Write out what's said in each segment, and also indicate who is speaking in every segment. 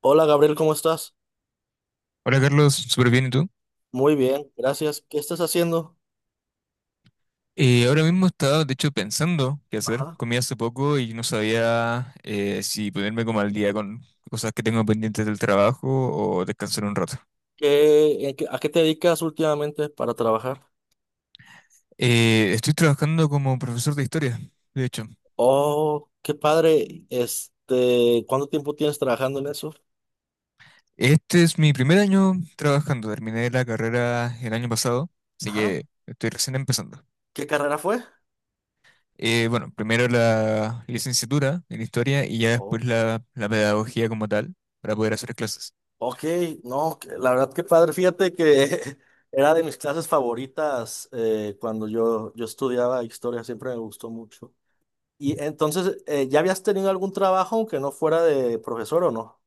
Speaker 1: Hola Gabriel, ¿cómo estás?
Speaker 2: Hola Carlos, súper bien, ¿y tú?
Speaker 1: Muy bien, gracias. ¿Qué estás haciendo?
Speaker 2: Ahora mismo estaba, de hecho, pensando qué hacer.
Speaker 1: Ajá.
Speaker 2: Comí hace poco y no sabía, si ponerme como al día con cosas que tengo pendientes del trabajo o descansar un rato.
Speaker 1: ¿Qué, a qué te dedicas últimamente para trabajar?
Speaker 2: Estoy trabajando como profesor de historia, de hecho.
Speaker 1: Oh, qué padre. Este, ¿cuánto tiempo tienes trabajando en eso?
Speaker 2: Este es mi primer año trabajando. Terminé la carrera el año pasado, así
Speaker 1: Ajá.
Speaker 2: que estoy recién empezando.
Speaker 1: ¿Qué carrera fue?
Speaker 2: Bueno, primero la licenciatura en historia y ya después
Speaker 1: Oh,
Speaker 2: la pedagogía como tal para poder hacer clases.
Speaker 1: ok, no, que- la verdad que padre. Fíjate que era de mis clases favoritas, cuando yo estudiaba historia, siempre me gustó mucho. Y entonces, ¿ya habías tenido algún trabajo aunque no fuera de profesor o no?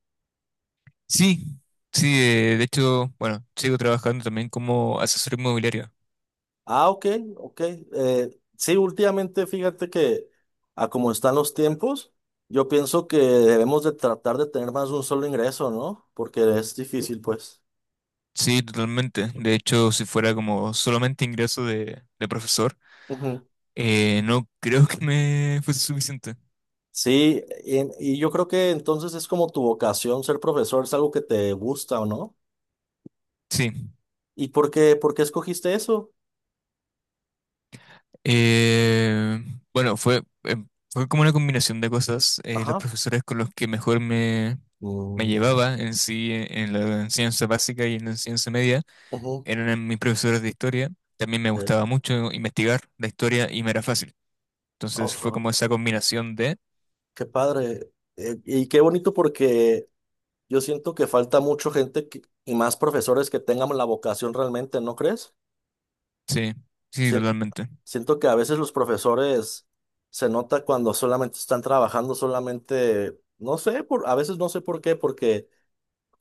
Speaker 2: Sí, sí, de hecho, bueno, sigo trabajando también como asesor inmobiliario.
Speaker 1: Ah, ok, ok. Sí, últimamente fíjate que a como están los tiempos, yo pienso que debemos de tratar de tener más de un solo ingreso, ¿no? Porque es difícil, pues.
Speaker 2: Sí, totalmente. De hecho, si fuera como solamente ingreso de profesor,
Speaker 1: Ujú.
Speaker 2: no creo que me fuese suficiente.
Speaker 1: Sí, y yo creo que entonces es como tu vocación ser profesor, es algo que te gusta, ¿o no?
Speaker 2: Sí.
Speaker 1: ¿Y por qué escogiste eso?
Speaker 2: Eh, bueno, fue, fue como una combinación de cosas. Los
Speaker 1: Ajá.
Speaker 2: profesores con los que mejor me
Speaker 1: Mm,
Speaker 2: llevaba en sí, en la enseñanza básica y en la enseñanza media,
Speaker 1: ujú.
Speaker 2: eran mis profesores de historia. También me
Speaker 1: Eh,
Speaker 2: gustaba mucho investigar la historia y me era fácil. Entonces fue
Speaker 1: oh,
Speaker 2: como esa combinación de...
Speaker 1: qué padre. Y qué bonito porque yo siento que falta mucho y más profesores que tengan la vocación realmente, ¿no crees?
Speaker 2: Sí, sí,
Speaker 1: Sien-
Speaker 2: totalmente.
Speaker 1: Siento que a veces los profesores se nota cuando solamente están trabajando, solamente, no sé, por, a veces no sé por qué, porque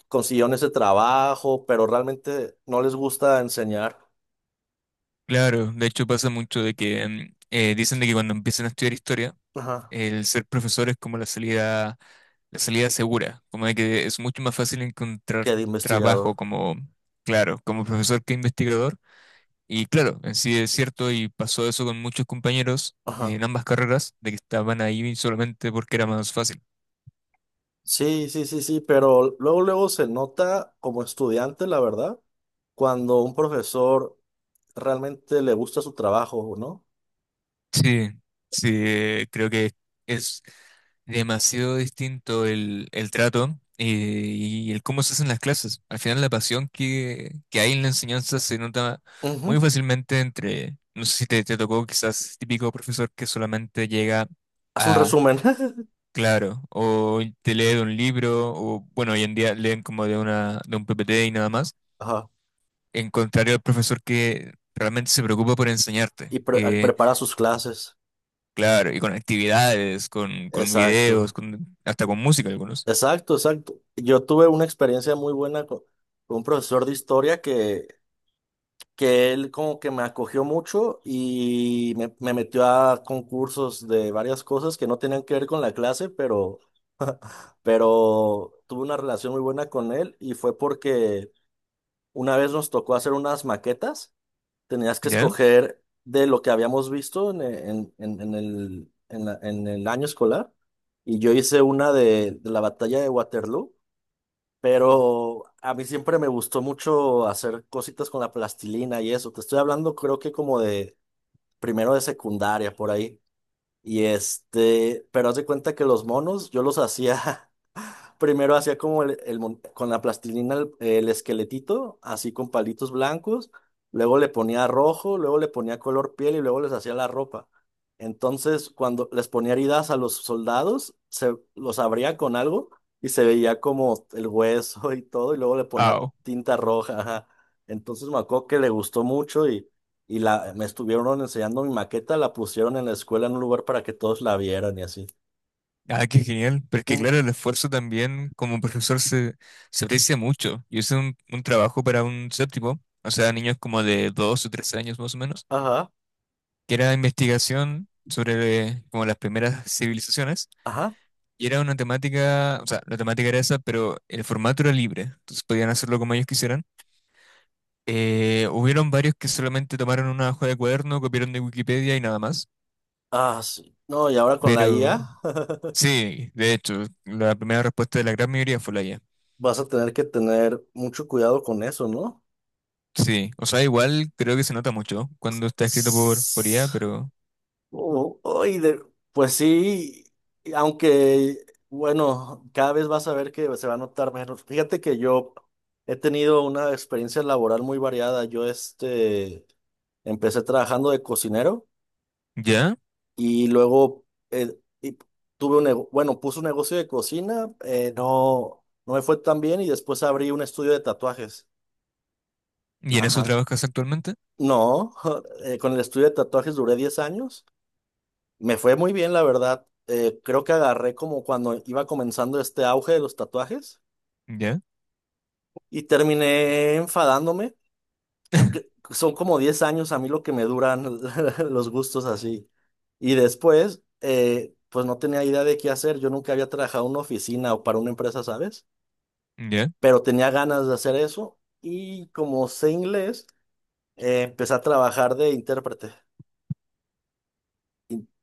Speaker 1: consiguieron ese trabajo, pero realmente no les gusta enseñar.
Speaker 2: Claro, de hecho pasa mucho de que dicen de que cuando empiezan a estudiar historia,
Speaker 1: Ajá.
Speaker 2: el ser profesor es como la salida segura, como de que es mucho más fácil encontrar
Speaker 1: Que de
Speaker 2: trabajo
Speaker 1: investigador.
Speaker 2: como, claro, como profesor que investigador. Y claro, en sí es cierto y pasó eso con muchos compañeros en
Speaker 1: Ajá.
Speaker 2: ambas carreras, de que estaban ahí solamente porque era más fácil.
Speaker 1: Sí, sí, sí, sí, pero luego se nota como estudiante, la verdad, cuando un profesor realmente le gusta su trabajo, ¿no?
Speaker 2: Sí, sí, creo que es demasiado distinto el trato y el cómo se hacen las clases. Al final la pasión que hay en la enseñanza se nota
Speaker 1: Ujú.
Speaker 2: muy fácilmente entre, no sé si te, te tocó quizás típico profesor que solamente llega
Speaker 1: Haz un
Speaker 2: a,
Speaker 1: resumen.
Speaker 2: claro, o te lee de un libro, o bueno, hoy en día leen como de un PPT y nada más,
Speaker 1: Ajá.
Speaker 2: en contrario al profesor que realmente se preocupa por enseñarte.
Speaker 1: Y prepara sus clases.
Speaker 2: Claro, y con actividades, con videos,
Speaker 1: Exacto.
Speaker 2: con, hasta con música algunos.
Speaker 1: Exacto, exacto. Yo tuve una experiencia muy buena con un profesor de historia que él como que me acogió mucho y me metió a concursos de varias cosas que no tenían que ver con la clase, pero tuve una relación muy buena con él y fue porque una vez nos tocó hacer unas maquetas. Tenías que
Speaker 2: ¿Ya?
Speaker 1: escoger de lo que habíamos visto en el año escolar. Y yo hice una de la batalla de Waterloo, pero a mí siempre me gustó mucho hacer cositas con la plastilina y eso. Te estoy hablando creo que como de primero de secundaria por ahí. Y este, pero haz de cuenta que los monos yo los hacía. Primero hacía como con la plastilina el esqueletito, así con palitos blancos, luego le ponía rojo, luego le ponía color piel y luego les hacía la ropa. Entonces, cuando les ponía heridas a los soldados, se los abría con algo y se veía como el hueso y todo, y luego le ponía
Speaker 2: Ah,
Speaker 1: tinta roja. Ajá. Entonces me acuerdo que le gustó mucho y, me estuvieron enseñando mi maqueta, la pusieron en la escuela en un lugar para que todos la vieran y así.
Speaker 2: ah, qué genial. Pero es que
Speaker 1: Ujú,
Speaker 2: claro, el esfuerzo también como profesor se, se aprecia mucho. Yo hice un trabajo para un séptimo, o sea, niños como de 2 o 3 años más o menos,
Speaker 1: ajá,
Speaker 2: que era investigación sobre, como las primeras civilizaciones.
Speaker 1: ajá.
Speaker 2: Y era una temática, o sea, la temática era esa, pero el formato era libre. Entonces podían hacerlo como ellos quisieran. Hubieron varios que solamente tomaron una hoja de cuaderno, copiaron de Wikipedia y nada más.
Speaker 1: Ah, sí. No, y ahora con la IA
Speaker 2: Pero sí, de hecho, la primera respuesta de la gran mayoría fue la IA.
Speaker 1: vas a tener que tener mucho cuidado con eso, ¿no?
Speaker 2: Sí, o sea, igual creo que se nota mucho cuando está escrito por IA,
Speaker 1: Tss.
Speaker 2: pero
Speaker 1: Oh, oh, y de- pues sí, y aunque, bueno, cada vez vas a ver que se va a notar menos. Fíjate que yo he tenido una experiencia laboral muy variada. Yo este, empecé trabajando de cocinero
Speaker 2: ya.
Speaker 1: y luego, eh, y tuve un, bueno, puse un negocio de cocina, no, no me fue tan bien y después abrí un estudio de tatuajes.
Speaker 2: ¿Y en eso
Speaker 1: Ajá.
Speaker 2: trabajas actualmente?
Speaker 1: No, con el estudio de tatuajes duré 10 años. Me fue muy bien, la verdad. Creo que agarré como cuando iba comenzando este auge de los tatuajes
Speaker 2: Ya,
Speaker 1: y terminé enfadándome. Son como 10 años a mí lo que me duran los gustos así. Y después, pues no tenía idea de qué hacer. Yo nunca había trabajado en una oficina o para una empresa, ¿sabes?
Speaker 2: ya.
Speaker 1: Pero tenía ganas de hacer eso y como sé inglés, empecé a trabajar de intérprete.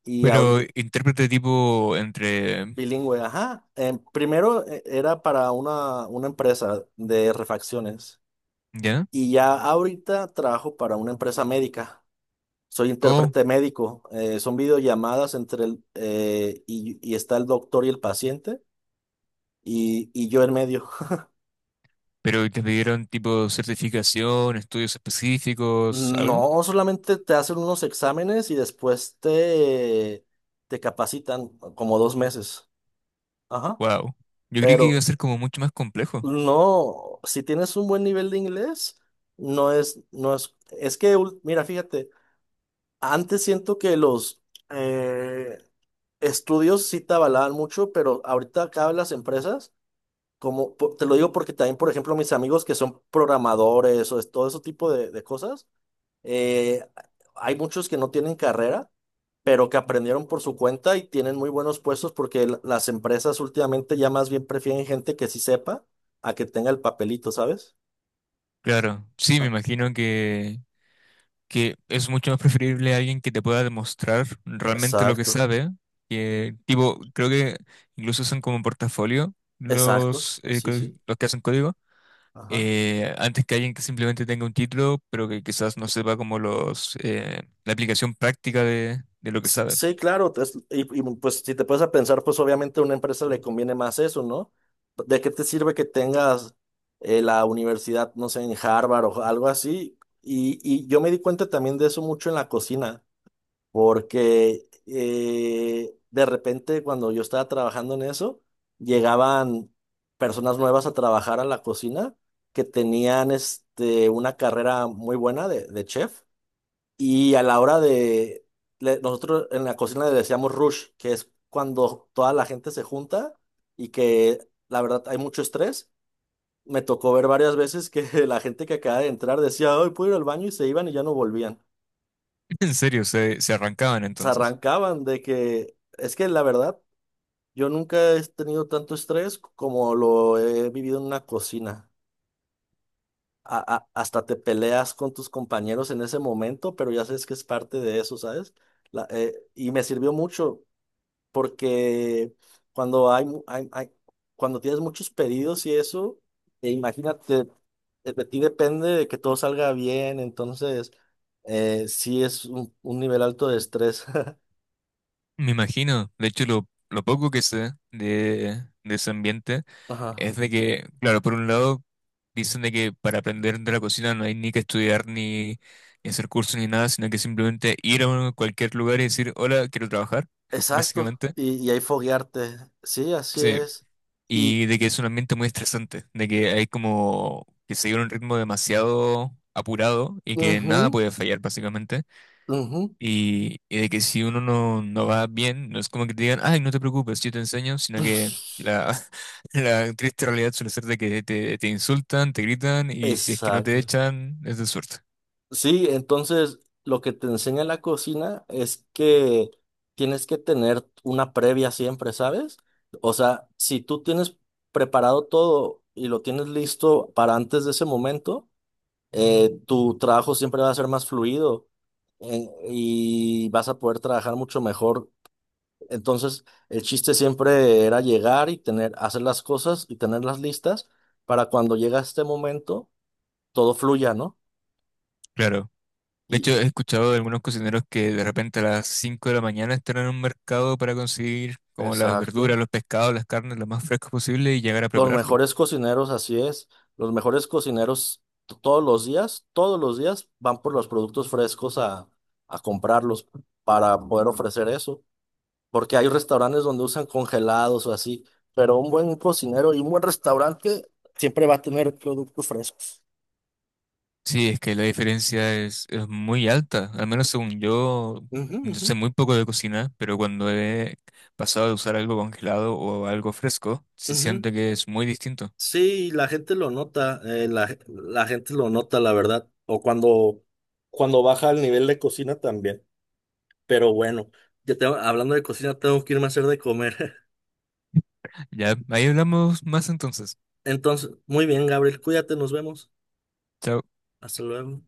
Speaker 1: Y
Speaker 2: Pero
Speaker 1: ahorita
Speaker 2: intérprete tipo entre,
Speaker 1: bilingüe, ajá. Primero, era para una empresa de refacciones
Speaker 2: ya.
Speaker 1: y ya ahorita trabajo para una empresa médica. Soy
Speaker 2: Oh,
Speaker 1: intérprete médico. Son videollamadas entre y está el doctor y el paciente y yo en medio.
Speaker 2: pero te pidieron tipo certificación, estudios específicos, algo.
Speaker 1: No, solamente te hacen unos exámenes y después te capacitan como dos meses. Ajá.
Speaker 2: Wow. Yo creí que iba a
Speaker 1: Pero...
Speaker 2: ser como mucho más complejo.
Speaker 1: No, si tienes un buen nivel de inglés, no es, no es, es que, mira, fíjate, antes siento que los eh, estudios sí te avalaban mucho, pero ahorita acá vez las empresas, como, te lo digo porque también, por ejemplo, mis amigos que son programadores todo ese tipo de cosas, eh, hay muchos que no tienen carrera, pero que aprendieron por su cuenta y tienen muy buenos puestos porque las empresas últimamente ya más bien prefieren gente que sí sepa a que tenga el papelito, ¿sabes?
Speaker 2: Claro, sí, me
Speaker 1: Ah,
Speaker 2: imagino que es mucho más preferible a alguien que te pueda demostrar realmente lo que
Speaker 1: exacto,
Speaker 2: sabe, que tipo, creo que incluso son como portafolio
Speaker 1: exacto,
Speaker 2: los,
Speaker 1: sí, sí.
Speaker 2: los que hacen código,
Speaker 1: Ajá.
Speaker 2: antes que alguien que simplemente tenga un título, pero que quizás no sepa como los, la aplicación práctica de lo que sabe.
Speaker 1: Sí, claro, y, pues si te puedes a pensar, pues obviamente a una empresa le conviene más eso, ¿no? ¿De qué te sirve que tengas, la universidad, no sé, en Harvard o algo así? Y yo me di cuenta también de eso mucho en la cocina. Porque de repente cuando yo estaba trabajando en eso, llegaban personas nuevas a trabajar a la cocina que tenían este, una carrera muy buena de chef y a la hora de, nosotros en la cocina le decíamos rush, que es cuando toda la gente se junta y que la verdad hay mucho estrés. Me tocó ver varias veces que la gente que acaba de entrar decía, hoy puedo ir al baño y se iban y ya no volvían.
Speaker 2: En serio, se arrancaban
Speaker 1: Se
Speaker 2: entonces.
Speaker 1: arrancaban de que es que la verdad yo nunca he tenido tanto estrés como lo he vivido en una cocina. Hasta te peleas con tus compañeros en ese momento, pero ya sabes que es parte de eso, ¿sabes? Y me sirvió mucho porque cuando hay, mu- hay- hay- cuando tienes muchos pedidos y eso, e imagínate, de ti depende de que todo salga bien, entonces, sí es un nivel alto de estrés.
Speaker 2: Me imagino, de hecho lo poco que sé de ese ambiente es
Speaker 1: Ajá.
Speaker 2: de que, claro, por un lado dicen de que para aprender de la cocina no hay ni que estudiar ni, ni hacer cursos ni nada, sino que simplemente ir a un- cualquier lugar y decir, hola, quiero trabajar,
Speaker 1: Exacto,
Speaker 2: básicamente.
Speaker 1: y ahí foguearte. Sí, así
Speaker 2: Sí,
Speaker 1: es. Y,
Speaker 2: y de que es un ambiente muy estresante, de que hay como que seguir un ritmo demasiado apurado y que nada
Speaker 1: ujú,
Speaker 2: puede fallar, básicamente.
Speaker 1: ujú,
Speaker 2: Y de que si uno no, no va bien, no es como que te digan, ay, no te preocupes, yo te enseño, sino que la, la triste realidad suele ser de que te insultan, te gritan y si es que no te
Speaker 1: exacto.
Speaker 2: echan, es de suerte.
Speaker 1: Sí, entonces lo que te enseña la cocina es que tienes que tener una previa siempre, ¿sabes? O sea, si tú tienes preparado todo y lo tienes listo para antes de ese momento, tu trabajo siempre va a ser más fluido, y vas a poder trabajar mucho mejor. Entonces, el chiste siempre era llegar y tener, hacer las cosas y tenerlas listas para cuando llega este momento, todo fluya, ¿no?
Speaker 2: Claro. De hecho,
Speaker 1: Y,
Speaker 2: he escuchado de algunos cocineros que de repente a las 5 de la mañana están en un mercado para conseguir como las verduras,
Speaker 1: exacto.
Speaker 2: los pescados, las carnes lo más frescos posible y llegar a
Speaker 1: Los
Speaker 2: prepararlo.
Speaker 1: mejores cocineros, así es. Los mejores cocineros todos los días van por los productos frescos a comprarlos para poder ofrecer eso. Porque hay restaurantes donde usan congelados o así, pero un buen cocinero y un buen restaurante siempre va a tener productos frescos.
Speaker 2: Sí, es que la diferencia es muy alta. Al menos según yo,
Speaker 1: Ujú,
Speaker 2: yo
Speaker 1: ujú,
Speaker 2: sé muy poco de cocina, pero cuando he pasado de usar algo congelado o algo fresco, sí
Speaker 1: ujú.
Speaker 2: siento que es muy distinto.
Speaker 1: Sí, la gente lo nota, la gente lo nota, la verdad. O cuando, cuando baja el nivel de cocina también. Pero bueno, hablando de cocina, tengo que irme a hacer de comer.
Speaker 2: Ya, ahí hablamos más entonces.
Speaker 1: Entonces, muy bien, Gabriel, cuídate, nos vemos.
Speaker 2: Chao.
Speaker 1: Hasta luego.